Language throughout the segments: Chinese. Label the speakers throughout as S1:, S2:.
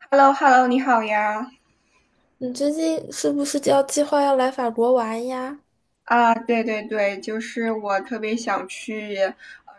S1: h e l l o h e l l o 你好呀！
S2: 你最近是不是要计划要来法国玩呀
S1: 啊，对对对，就是我特别想去，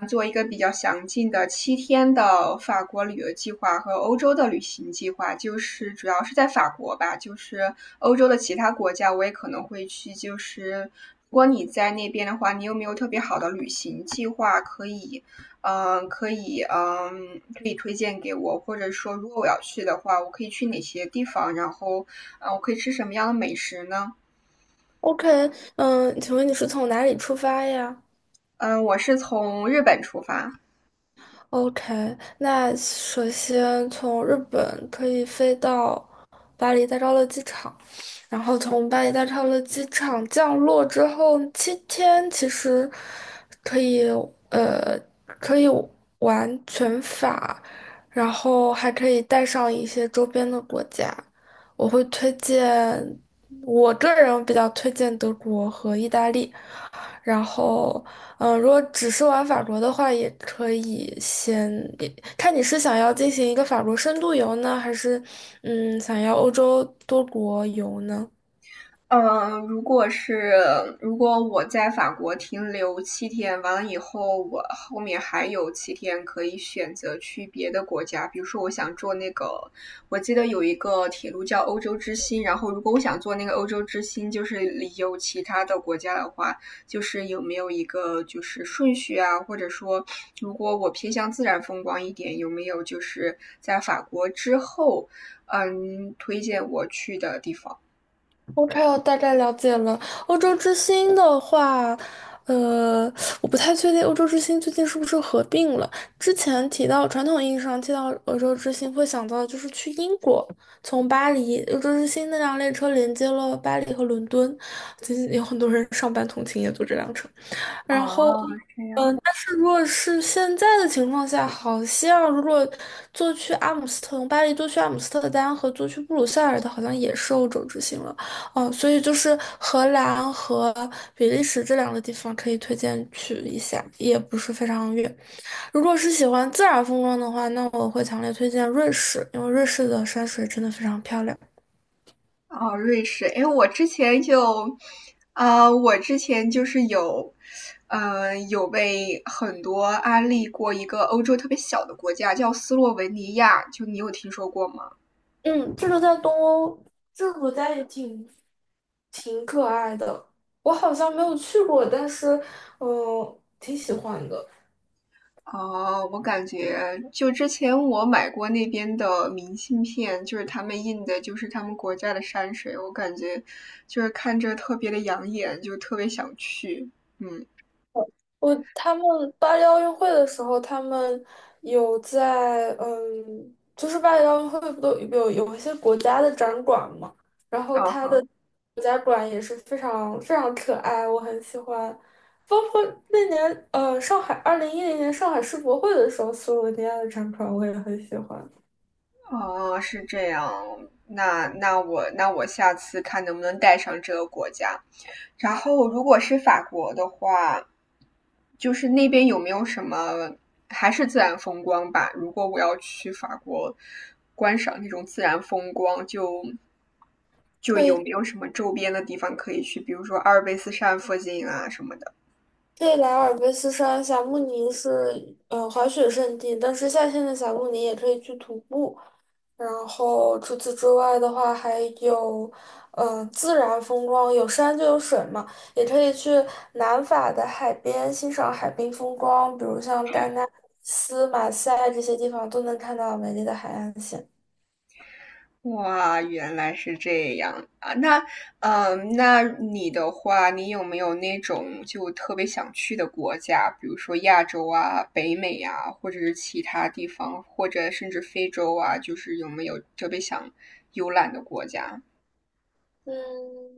S1: 做一个比较详尽的七天的法国旅游计划和欧洲的旅行计划，就是主要是在法国吧，就是欧洲的其他国家我也可能会去。就是如果你在那边的话，你有没有特别好的旅行计划可以推荐给我，或者说如果我要去的话，我可以去哪些地方，然后，我可以吃什么样的美食呢？
S2: ？OK，请问你是从哪里出发呀？
S1: 嗯，我是从日本出发。
S2: OK，那首先从日本可以飞到巴黎戴高乐机场，然后从巴黎戴高乐机场降落之后七天，其实可以呃可以玩全法，然后还可以带上一些周边的国家。我会推荐，我个人比较推荐德国和意大利。然后，如果只是玩法国的话，也可以也看你是想要进行一个法国深度游呢，还是想要欧洲多国游呢？
S1: 嗯，如果是如果我在法国停留七天，完了以后，我后面还有七天可以选择去别的国家，比如说我想坐那个，我记得有一个铁路叫欧洲之星，然后如果我想坐那个欧洲之星，就是有其他的国家的话，就是有没有一个就是顺序啊，或者说如果我偏向自然风光一点，有没有就是在法国之后，推荐我去的地方？
S2: OK，我大概了解了。欧洲之星的话，呃，我不太确定欧洲之星最近是不是合并了。之前提到传统意义上提到欧洲之星，会想到的就是去英国，从巴黎，欧洲之星那辆列车连接了巴黎和伦敦，最近有很多人上班通勤也坐这辆车。
S1: 哦，
S2: 然后，
S1: 这样。
S2: 但是如果是现在的情况下，好像如果坐去阿姆斯特从巴黎坐去阿姆斯特丹和坐去布鲁塞尔的，好像也是欧洲之行了。哦，所以就是荷兰和比利时这两个地方可以推荐去一下，也不是非常远。如果是喜欢自然风光的话，那我会强烈推荐瑞士，因为瑞士的山水真的非常漂亮。
S1: 哦，瑞士，哎，我之前就，啊、我之前就是有，有被很多安利过一个欧洲特别小的国家，叫斯洛文尼亚，就你有听说过吗？
S2: 嗯，这个在东欧，这个国家也挺可爱的。我好像没有去过，但是挺喜欢的。
S1: 哦，我感觉就之前我买过那边的明信片，就是他们印的，就是他们国家的山水，我感觉就是看着特别的养眼，就特别想去，嗯，
S2: 他们巴黎奥运会的时候，他们有在就是巴黎奥运会不都有一些国家的展馆嘛，然后
S1: 啊
S2: 它
S1: 好。
S2: 的国家馆也是非常非常可爱，我很喜欢。包括那年上海2010年上海世博会的时候，斯洛文尼亚的展馆我也很喜欢。
S1: 哦，是这样。那我下次看能不能带上这个国家。然后，如果是法国的话，就是那边有没有什么还是自然风光吧？如果我要去法国观赏那种自然风光，就有
S2: 对。
S1: 没有什么周边的地方可以去，比如说阿尔卑斯山附近啊什么的。
S2: 对，莱尔卑斯山霞慕尼是滑雪胜地，但是夏天的霞慕尼也可以去徒步。然后除此之外的话，还有自然风光，有山就有水嘛，也可以去南法的海边欣赏海滨风光，比如像戛纳、马赛这些地方都能看到美丽的海岸线。
S1: 哇，原来是这样啊！那你的话，你有没有那种就特别想去的国家，比如说亚洲啊、北美啊，或者是其他地方，或者甚至非洲啊，就是有没有特别想游览的国家。
S2: 嗯，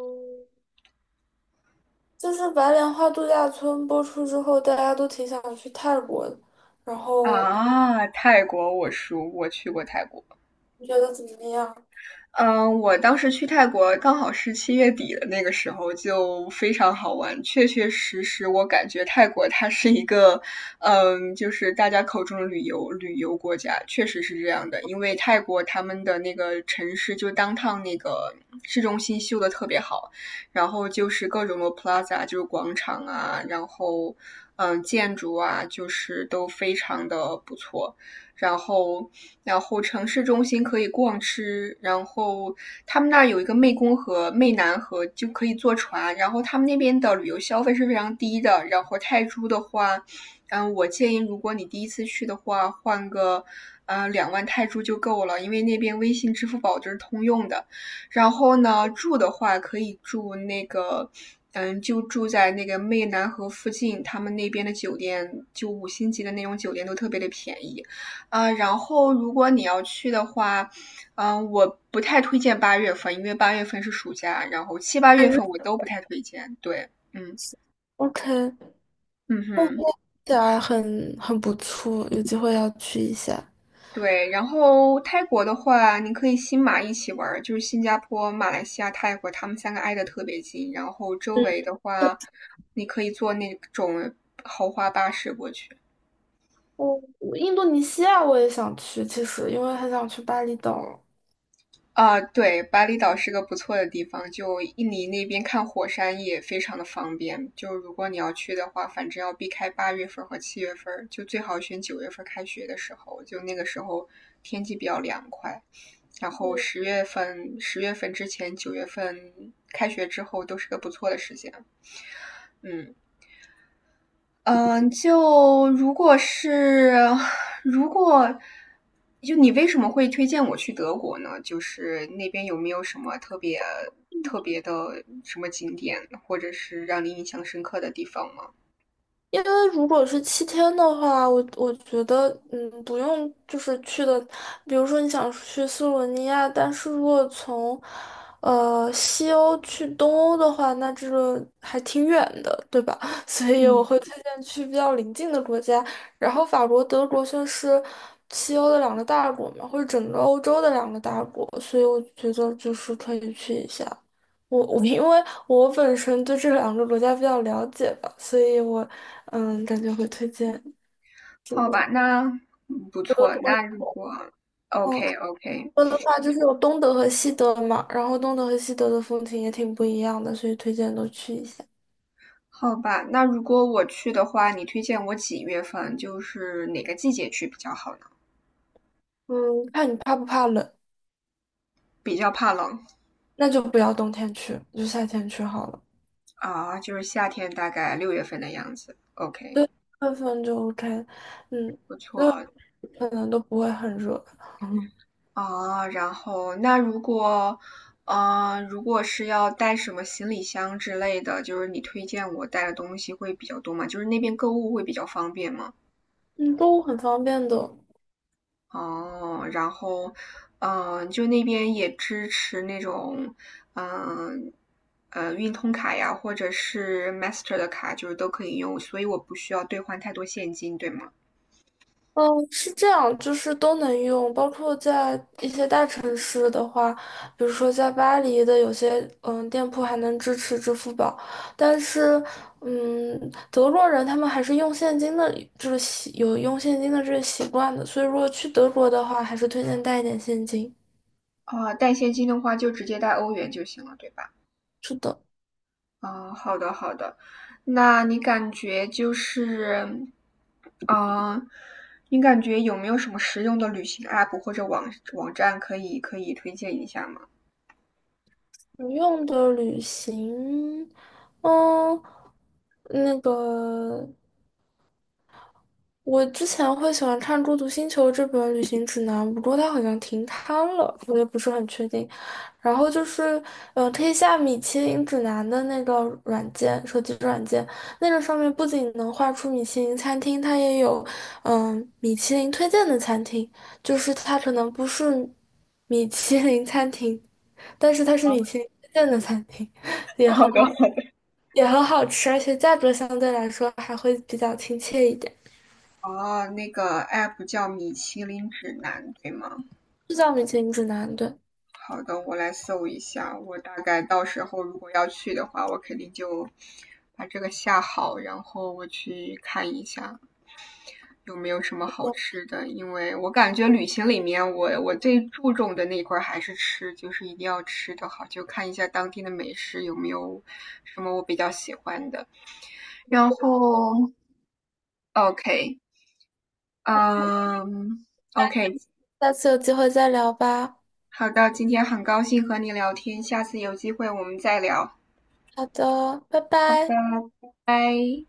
S2: 就是白莲花度假村播出之后，大家都挺想去泰国的，然后
S1: 啊？泰国，我熟，我去过泰国。
S2: 你觉得怎么样？
S1: 嗯，我当时去泰国刚好是7月底的那个时候，就非常好玩。确确实实，我感觉泰国它是一个，就是大家口中的旅游国家，确实是这样的。因为泰国他们的那个城市，就当趟那个市中心修的特别好，然后就是各种的 plaza，就是广场啊，然后建筑啊，就是都非常的不错。然后然后城市中心可以逛吃，然后他们那儿有一个湄公河、湄南河，就可以坐船。然后他们那边的旅游消费是非常低的。然后泰铢的话，我建议如果你第一次去的话，换个2万泰铢就够了，因为那边微信、支付宝就是通用的。然后呢，住的话可以住那个，就住在那个湄南河附近，他们那边的酒店就5星级的那种酒店都特别的便宜。啊，然后如果你要去的话，我不太推荐八月份，因为八月份是暑假，然后七八
S2: 还
S1: 月
S2: 是
S1: 份我都不太推荐。对，嗯
S2: OK，
S1: 嗯
S2: 哦，
S1: 哼，
S2: 起来很不错，有机会要去一下。
S1: 对。然后泰国的话，你可以新马一起玩儿，就是新加坡、马来西亚、泰国，他们3个挨得特别近。然后周
S2: 嗯，
S1: 围的话，你可以坐那种豪华巴士过去。
S2: 我印度尼西亚我也想去，其实因为很想去巴厘岛。
S1: 啊，对，巴厘岛是个不错的地方，就印尼那边看火山也非常的方便。就如果你要去的话，反正要避开8月份和7月份，就最好选九月份开学的时候，就那个时候天气比较凉快。然后
S2: 嗯。
S1: 十月份，十月份之前，九月份开学之后都是个不错的时间。嗯。嗯，就如果是 如果就你为什么会推荐我去德国呢？就是那边有没有什么特别特别的什么景点，或者是让你印象深刻的地方吗？
S2: 因为如果是七天的话，我觉得，不用就是去的，比如说你想去斯洛文尼亚，但是如果从，西欧去东欧的话，那这个还挺远的，对吧？所以我会推荐去比较邻近的国家，然后法国、德国算是西欧的两个大国嘛，或者整个欧洲的两个大国，所以我觉得就是可以去一下。我因为我本身对这两个国家比较了解吧，所以我感觉会推荐
S1: 好吧，那不
S2: 德
S1: 错。
S2: 国。
S1: 那OK OK，
S2: 德国的话就是有东德和西德嘛，然后东德和西德的风情也挺不一样的，所以推荐都去一下。
S1: 好吧，那如果我去的话，你推荐我几月份？就是哪个季节去比较好呢？
S2: 嗯，看你怕不怕冷，
S1: 比较怕冷。
S2: 那就不要冬天去，就夏天去好了。
S1: 啊，就是夏天大概6月份的样子。OK，
S2: 对，6月份就 OK，嗯，
S1: 不错。
S2: 可能都不会很热，
S1: 啊，然后那如果，嗯呃，如果是要带什么行李箱之类的，就是你推荐我带的东西会比较多嘛？就是那边购物会比较方便嘛？
S2: 嗯，都很方便的。
S1: 哦，然后，就那边也支持那种，嗯、运通卡呀，或者是 Master 的卡，就是都可以用，所以我不需要兑换太多现金，对吗？
S2: 嗯，是这样，就是都能用，包括在一些大城市的话，比如说在巴黎的有些店铺还能支持支付宝，但是嗯，德国人他们还是用现金的，就是有用现金的这个习惯的，所以如果去德国的话，还是推荐带一点现金。
S1: 啊、带现金的话就直接带欧元就行了，对吧？
S2: 是的，
S1: 哦，好的好的，那你感觉就是，嗯，你感觉有没有什么实用的旅行 app 或者网站可以推荐一下吗？
S2: 不用的旅行，嗯，那个。我之前会喜欢看《孤独星球》这本旅行指南，不过它好像停刊了，我也不是很确定。然后就是，可以下米其林指南的那个软件，手机软件，那个上面不仅能画出米其林餐厅，它也有，嗯、米其林推荐的餐厅，就是它可能不是米其林餐厅，但是它是米其林推荐的餐厅，也很
S1: 好的，
S2: 好，
S1: 好的，
S2: 也很好吃，而且价格相对来说还会比较亲切一点。
S1: 哦，那个 app 叫米其林指南，对吗？
S2: 就叫米其林指南，对。
S1: 好的，我来搜一下，我大概到时候如果要去的话，我肯定就把这个下好，然后我去看一下。有没有什么好吃的？因为我感觉旅行里面我，我最注重的那一块儿还是吃，就是一定要吃的好，就看一下当地的美食有没有什么我比较喜欢的。然后，OK，嗯，OK，
S2: 下次有机会再聊吧。
S1: 好的，今天很高兴和你聊天，下次有机会我们再聊，
S2: 好的，拜
S1: 拜
S2: 拜。
S1: 拜。